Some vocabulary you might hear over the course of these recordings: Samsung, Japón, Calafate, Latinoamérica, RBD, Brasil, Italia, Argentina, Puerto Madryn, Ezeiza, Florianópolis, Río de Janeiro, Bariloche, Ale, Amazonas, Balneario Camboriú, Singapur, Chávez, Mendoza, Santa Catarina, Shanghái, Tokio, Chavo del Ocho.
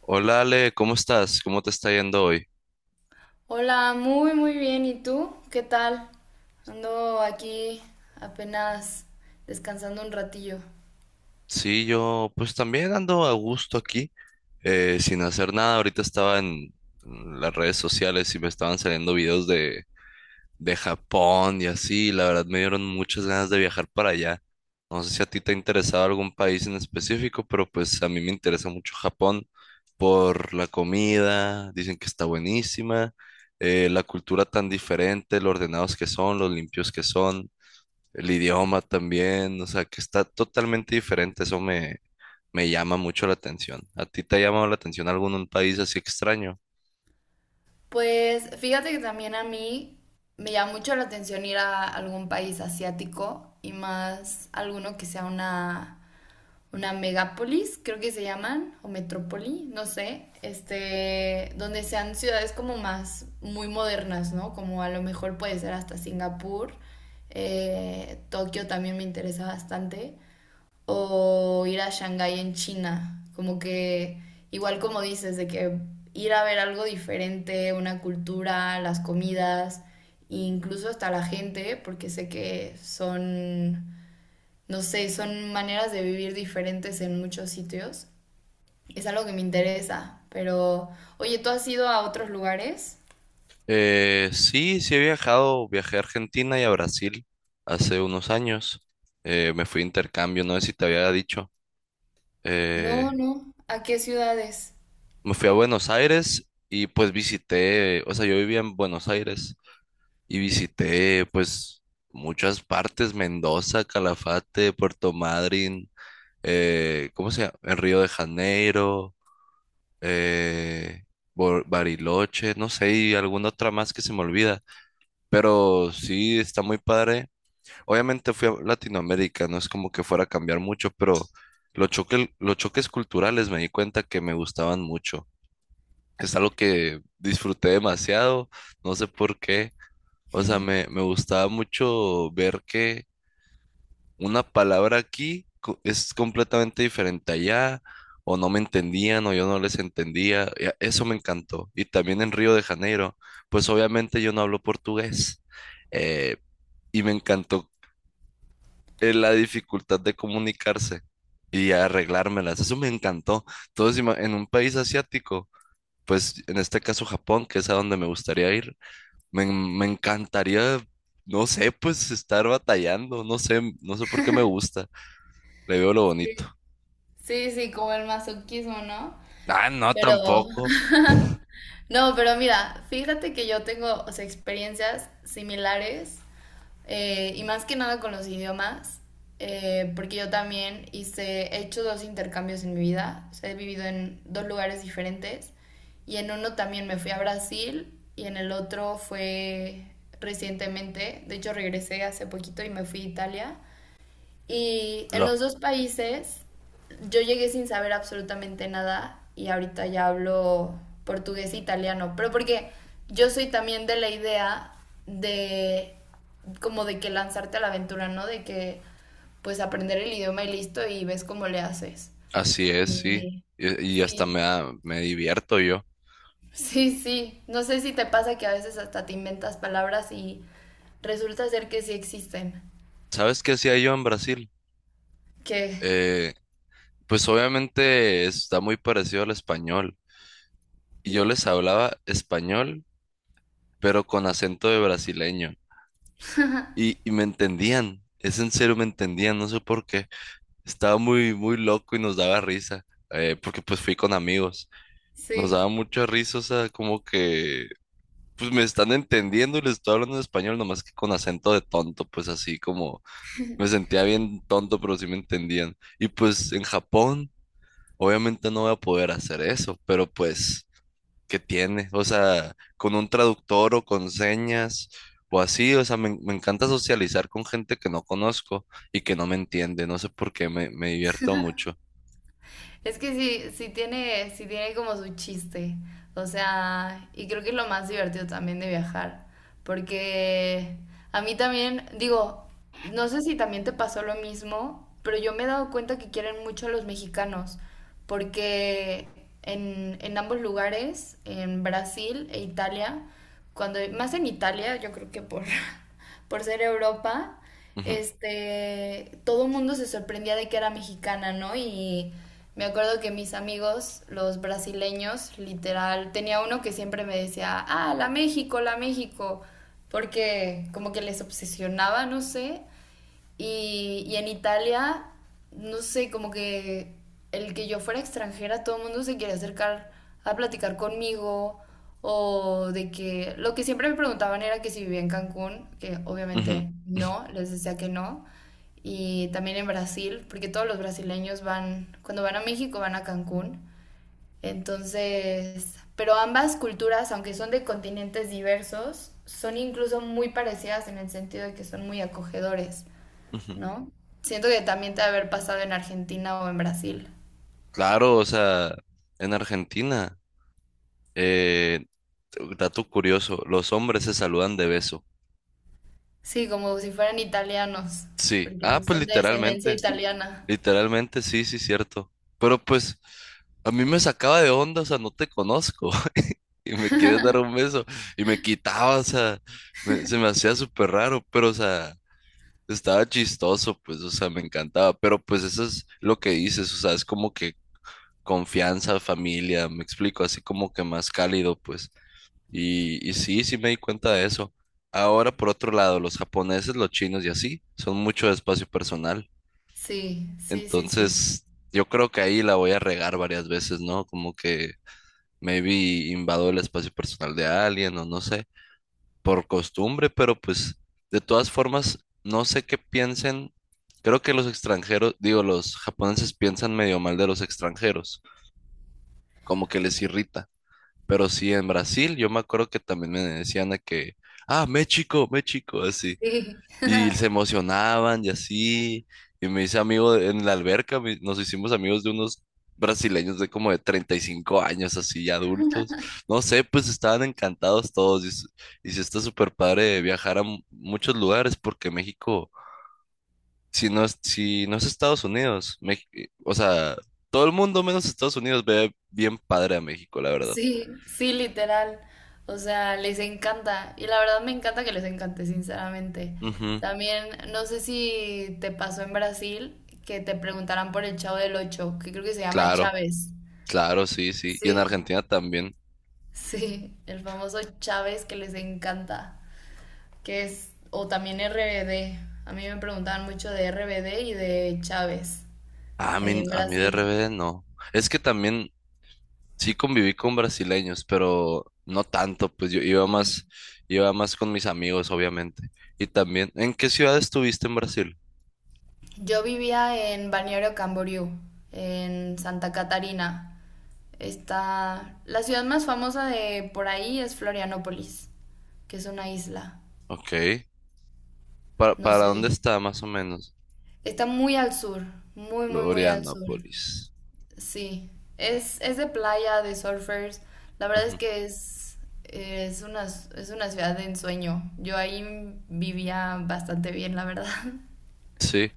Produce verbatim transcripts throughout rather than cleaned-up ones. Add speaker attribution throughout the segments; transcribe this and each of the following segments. Speaker 1: Hola Ale, ¿cómo estás? ¿Cómo te está yendo hoy?
Speaker 2: Hola, muy muy bien. ¿Y tú? ¿Qué tal? Ando aquí apenas descansando un ratillo.
Speaker 1: Sí, yo pues también ando a gusto aquí, eh, sin hacer nada. Ahorita estaba en las redes sociales y me estaban saliendo videos de, de Japón y así. Y la verdad me dieron muchas ganas de viajar para allá. No sé si a ti te ha interesado algún país en específico, pero pues a mí me interesa mucho Japón por la comida. Dicen que está buenísima, eh, la cultura tan diferente, lo ordenados que son, los limpios que son. El idioma también, o sea, que está totalmente diferente, eso me, me llama mucho la atención. ¿A ti te ha llamado la atención algún país así extraño?
Speaker 2: Pues fíjate que también a mí me llama mucho la atención ir a algún país asiático y más alguno que sea una, una megápolis, creo que se llaman, o metrópoli, no sé, este, donde sean ciudades como más muy modernas, ¿no? Como a lo mejor puede ser hasta Singapur. Eh, Tokio también me interesa bastante, o ir a Shanghái en China. Como que, igual como dices, de que ir a ver algo diferente, una cultura, las comidas, e incluso hasta la gente, porque sé que son, no sé, son maneras de vivir diferentes en muchos sitios. Es algo que me interesa, pero, oye, ¿tú has ido a otros lugares?
Speaker 1: Eh, sí, sí he viajado, viajé a Argentina y a Brasil hace unos años. Eh, me fui a intercambio, no sé si te había dicho.
Speaker 2: No,
Speaker 1: Eh,
Speaker 2: no. ¿A qué ciudades?
Speaker 1: me fui a Buenos Aires y pues visité, o sea, yo vivía en Buenos Aires y visité pues muchas partes: Mendoza, Calafate, Puerto Madryn. eh, ¿cómo se llama? En Río de Janeiro, eh, Bo- Bariloche, no sé, y alguna otra más que se me olvida, pero sí está muy padre. Obviamente fui a Latinoamérica, no es como que fuera a cambiar mucho, pero los choques, los choques culturales me di cuenta que me gustaban mucho. Es algo que disfruté demasiado, no sé por qué. O sea, me, me gustaba mucho ver que una palabra aquí co- es completamente diferente allá, o no me entendían, o yo no les entendía. y a- Eso me encantó. Y también en Río de Janeiro, pues obviamente yo no hablo portugués. eh, y me encantó, eh, la dificultad de comunicarse y arreglármelas. Eso me encantó. Entonces, ima- en un país asiático, pues en este caso Japón, que es a donde me gustaría ir, me, me encantaría. No sé, pues estar batallando, no sé, no sé por qué me gusta. Le veo lo bonito.
Speaker 2: Sí, sí, sí, como el masoquismo, ¿no?
Speaker 1: Ah, no,
Speaker 2: Pero,
Speaker 1: tampoco.
Speaker 2: no, pero mira, fíjate que yo tengo, o sea, experiencias similares, eh, y más que nada con los idiomas. Eh, porque yo también hice, he hecho dos intercambios en mi vida, o sea, he vivido en dos lugares diferentes, y en uno también me fui a Brasil y en el otro fue recientemente, de hecho regresé hace poquito y me fui a Italia, y en
Speaker 1: No,
Speaker 2: los dos países yo llegué sin saber absolutamente nada y ahorita ya hablo portugués e italiano, pero porque yo soy también de la idea de como de que lanzarte a la aventura, ¿no? De que pues aprender el idioma y listo y ves cómo le haces.
Speaker 1: así es, sí.
Speaker 2: Y
Speaker 1: Y, y hasta
Speaker 2: sí,
Speaker 1: me, da- me divierto yo.
Speaker 2: sí, sí. No sé si te pasa que a veces hasta te inventas palabras y resulta ser que sí existen.
Speaker 1: ¿Sabes qué hacía yo en Brasil?
Speaker 2: Que
Speaker 1: Eh, pues obviamente está muy parecido al español. Y yo les hablaba español, pero con acento de brasileño. Y, y me entendían. Es en serio, me entendían. No sé por qué. Estaba muy, muy loco y nos daba risa. eh, porque pues fui con amigos. Nos daba
Speaker 2: sí.
Speaker 1: mucha risa, o sea, como que pues me están entendiendo y les estoy hablando en español, nomás que con acento de tonto, pues así como me sentía bien tonto, pero sí me entendían. Y pues en Japón, obviamente no voy a poder hacer eso, pero pues, ¿qué tiene? O sea, con un traductor o con señas o así, o sea, me, me encanta socializar con gente que no conozco y que no me entiende, no sé por qué, me, me divierto mucho.
Speaker 2: Es que sí, sí tiene, sí tiene como su chiste. O sea, y creo que es lo más divertido también de viajar. Porque a mí también, digo, no sé si también te pasó lo mismo, pero yo me he dado cuenta que quieren mucho a los mexicanos. Porque en, en ambos lugares, en Brasil e Italia, cuando, más en Italia, yo creo que por, por ser Europa,
Speaker 1: Ujú,
Speaker 2: este, todo el mundo se sorprendía de que era mexicana, ¿no? Y me acuerdo que mis amigos, los brasileños, literal, tenía uno que siempre me decía, ah, la México, la México, porque como que les obsesionaba, no sé. Y, y en Italia, no sé, como que el que yo fuera extranjera, todo el mundo se quiere acercar a platicar conmigo, o de que lo que siempre me preguntaban era que si vivía en Cancún, que
Speaker 1: ujú.
Speaker 2: obviamente no, les decía que no, y también en Brasil, porque todos los brasileños van, cuando van a México van a Cancún. Entonces, pero ambas culturas, aunque son de continentes diversos, son incluso muy parecidas en el sentido de que son muy acogedores.
Speaker 1: ujú.
Speaker 2: ¿No? Siento que también te ha de haber pasado en Argentina o en Brasil.
Speaker 1: Claro, o sea, en Argentina. eh, Dato curioso, los hombres se saludan de beso.
Speaker 2: Sí, como si fueran italianos,
Speaker 1: Sí. Ah,
Speaker 2: porque
Speaker 1: pues
Speaker 2: son de descendencia
Speaker 1: literalmente,
Speaker 2: italiana.
Speaker 1: literalmente, sí, sí, cierto. Pero pues a mí me sacaba de onda, o sea, no te conozco y me quieres dar un beso y me quitaba, o sea, me- se me hacía súper raro, pero o sea, estaba chistoso, pues, o sea, me encantaba. Pero pues eso es lo que dices, o sea, es como que confianza, familia, me explico, así como que más cálido, pues. Y, y sí, sí me di cuenta de eso. Ahora, por otro lado, los japoneses, los chinos y así, son mucho de espacio personal.
Speaker 2: Sí, sí, sí, sí.
Speaker 1: Entonces, yo creo que ahí la voy a regar varias veces, ¿no? Como que maybe invado el espacio personal de alguien o no sé, por costumbre, pero pues de todas formas, no sé qué piensen. Creo que los extranjeros, digo, los japoneses piensan medio mal de los extranjeros, como que les irrita. Pero sí, en Brasil, yo me acuerdo que también me decían de que, ah, México, México, así.
Speaker 2: Sí,
Speaker 1: Y se emocionaban y así. Y me hice amigo de- en la alberca, me- nos hicimos amigos de unos brasileños de como de treinta y cinco años, así, adultos. No sé, pues estaban encantados todos. Y, s- y sí está súper padre viajar a mu- muchos lugares porque México, si no es, si no es Estados Unidos, Mex- eh, o sea, todo el mundo menos Estados Unidos ve bien padre a México, la verdad.
Speaker 2: sí, sí, literal. O sea, les encanta. Y la verdad me encanta que les encante, sinceramente.
Speaker 1: Ujú,
Speaker 2: También, no sé si te pasó en Brasil que te preguntaran por el Chavo del Ocho, que creo que se llama
Speaker 1: claro.
Speaker 2: Chávez.
Speaker 1: Claro, sí, sí. Y en
Speaker 2: Sí,
Speaker 1: Argentina también.
Speaker 2: sí, el famoso Chávez que les encanta, que es, o también R B D. A mí me preguntaban mucho de R B D y de Chávez,
Speaker 1: A
Speaker 2: ahí
Speaker 1: mí,
Speaker 2: en
Speaker 1: a mí de
Speaker 2: Brasil.
Speaker 1: R B D no. Es que también sí conviví con brasileños, pero no tanto, pues yo iba más, iba más con mis amigos, obviamente. Y también, ¿en qué ciudad estuviste en Brasil?
Speaker 2: Yo vivía en Balneario Camboriú, en Santa Catarina. Está, la ciudad más famosa de por ahí es Florianópolis, que es una isla.
Speaker 1: Ok. ¿Para,
Speaker 2: No
Speaker 1: para
Speaker 2: sé,
Speaker 1: dónde está más o menos?
Speaker 2: está muy al sur, muy, muy, muy al sur.
Speaker 1: Florianópolis.
Speaker 2: Sí, es, es de playa, de surfers. La verdad es
Speaker 1: Ujú.
Speaker 2: que es, es una, es una ciudad de ensueño. Yo ahí vivía bastante bien, la verdad.
Speaker 1: Sí.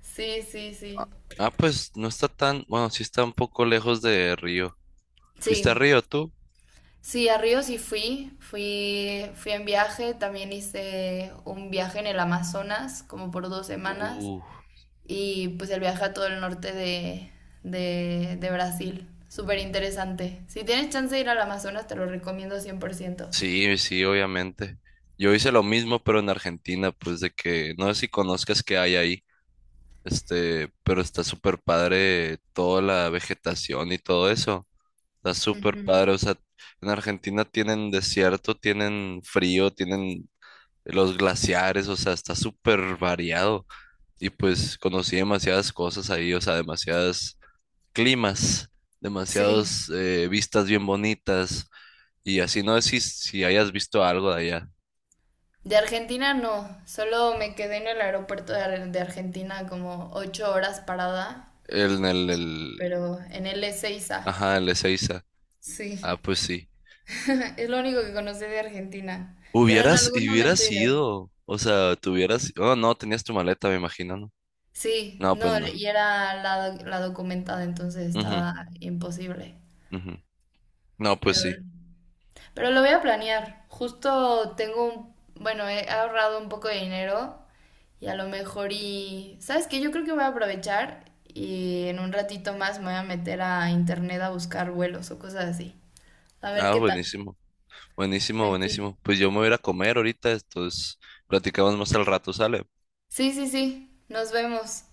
Speaker 2: Sí, sí, sí.
Speaker 1: Ah, ah, pues no está tan, bueno, sí está un poco lejos de Río. ¿Fuiste a
Speaker 2: Sí,
Speaker 1: Río tú?
Speaker 2: sí, a Río sí fui. Fui, fui en viaje. También hice un viaje en el Amazonas, como por dos semanas.
Speaker 1: Uh.
Speaker 2: Y pues el viaje a todo el norte de, de, de Brasil. Súper interesante. Si tienes chance de ir al Amazonas, te lo recomiendo cien por ciento.
Speaker 1: Sí, sí, obviamente. Yo hice lo mismo, pero en Argentina, pues de que no sé si conozcas qué hay ahí, este, pero está súper padre toda la vegetación y todo eso. Está súper
Speaker 2: Ujú.
Speaker 1: padre. O sea, en Argentina tienen desierto, tienen frío, tienen los glaciares, o sea, está súper variado. Y pues conocí demasiadas cosas ahí, o sea, demasiadas climas,
Speaker 2: Sí.
Speaker 1: demasiadas eh, vistas bien bonitas. Y así no sé si, si hayas visto algo de allá.
Speaker 2: De Argentina no, solo me quedé en el aeropuerto de Ar- de Argentina como ocho horas parada,
Speaker 1: El, el, el,
Speaker 2: pero en el Ezeiza.
Speaker 1: ajá, el Ezeiza.
Speaker 2: Sí,
Speaker 1: Ah, pues sí.
Speaker 2: es lo único que conocí de Argentina, pero en
Speaker 1: Hubieras,
Speaker 2: algún
Speaker 1: y
Speaker 2: momento
Speaker 1: hubieras
Speaker 2: iré.
Speaker 1: ido, o sea, tuvieras, oh, no, tenías tu maleta, me imagino, ¿no?
Speaker 2: Sí,
Speaker 1: No,
Speaker 2: no,
Speaker 1: pues no.
Speaker 2: y era la, la documentada, entonces
Speaker 1: Ujú,
Speaker 2: estaba imposible,
Speaker 1: ujú. No, pues
Speaker 2: pero
Speaker 1: sí.
Speaker 2: Pero lo voy a planear. Justo tengo un, bueno, he ahorrado un poco de dinero y a lo mejor y, ¿sabes qué? Yo creo que voy a aprovechar y en un ratito más me voy a meter a internet a buscar vuelos o cosas así. A ver
Speaker 1: Ah,
Speaker 2: qué tal.
Speaker 1: buenísimo, buenísimo,
Speaker 2: Pues sí.
Speaker 1: buenísimo. Pues yo me voy a ir a comer ahorita, entonces platicamos más al rato, ¿sale?
Speaker 2: Sí, sí, sí. Nos vemos.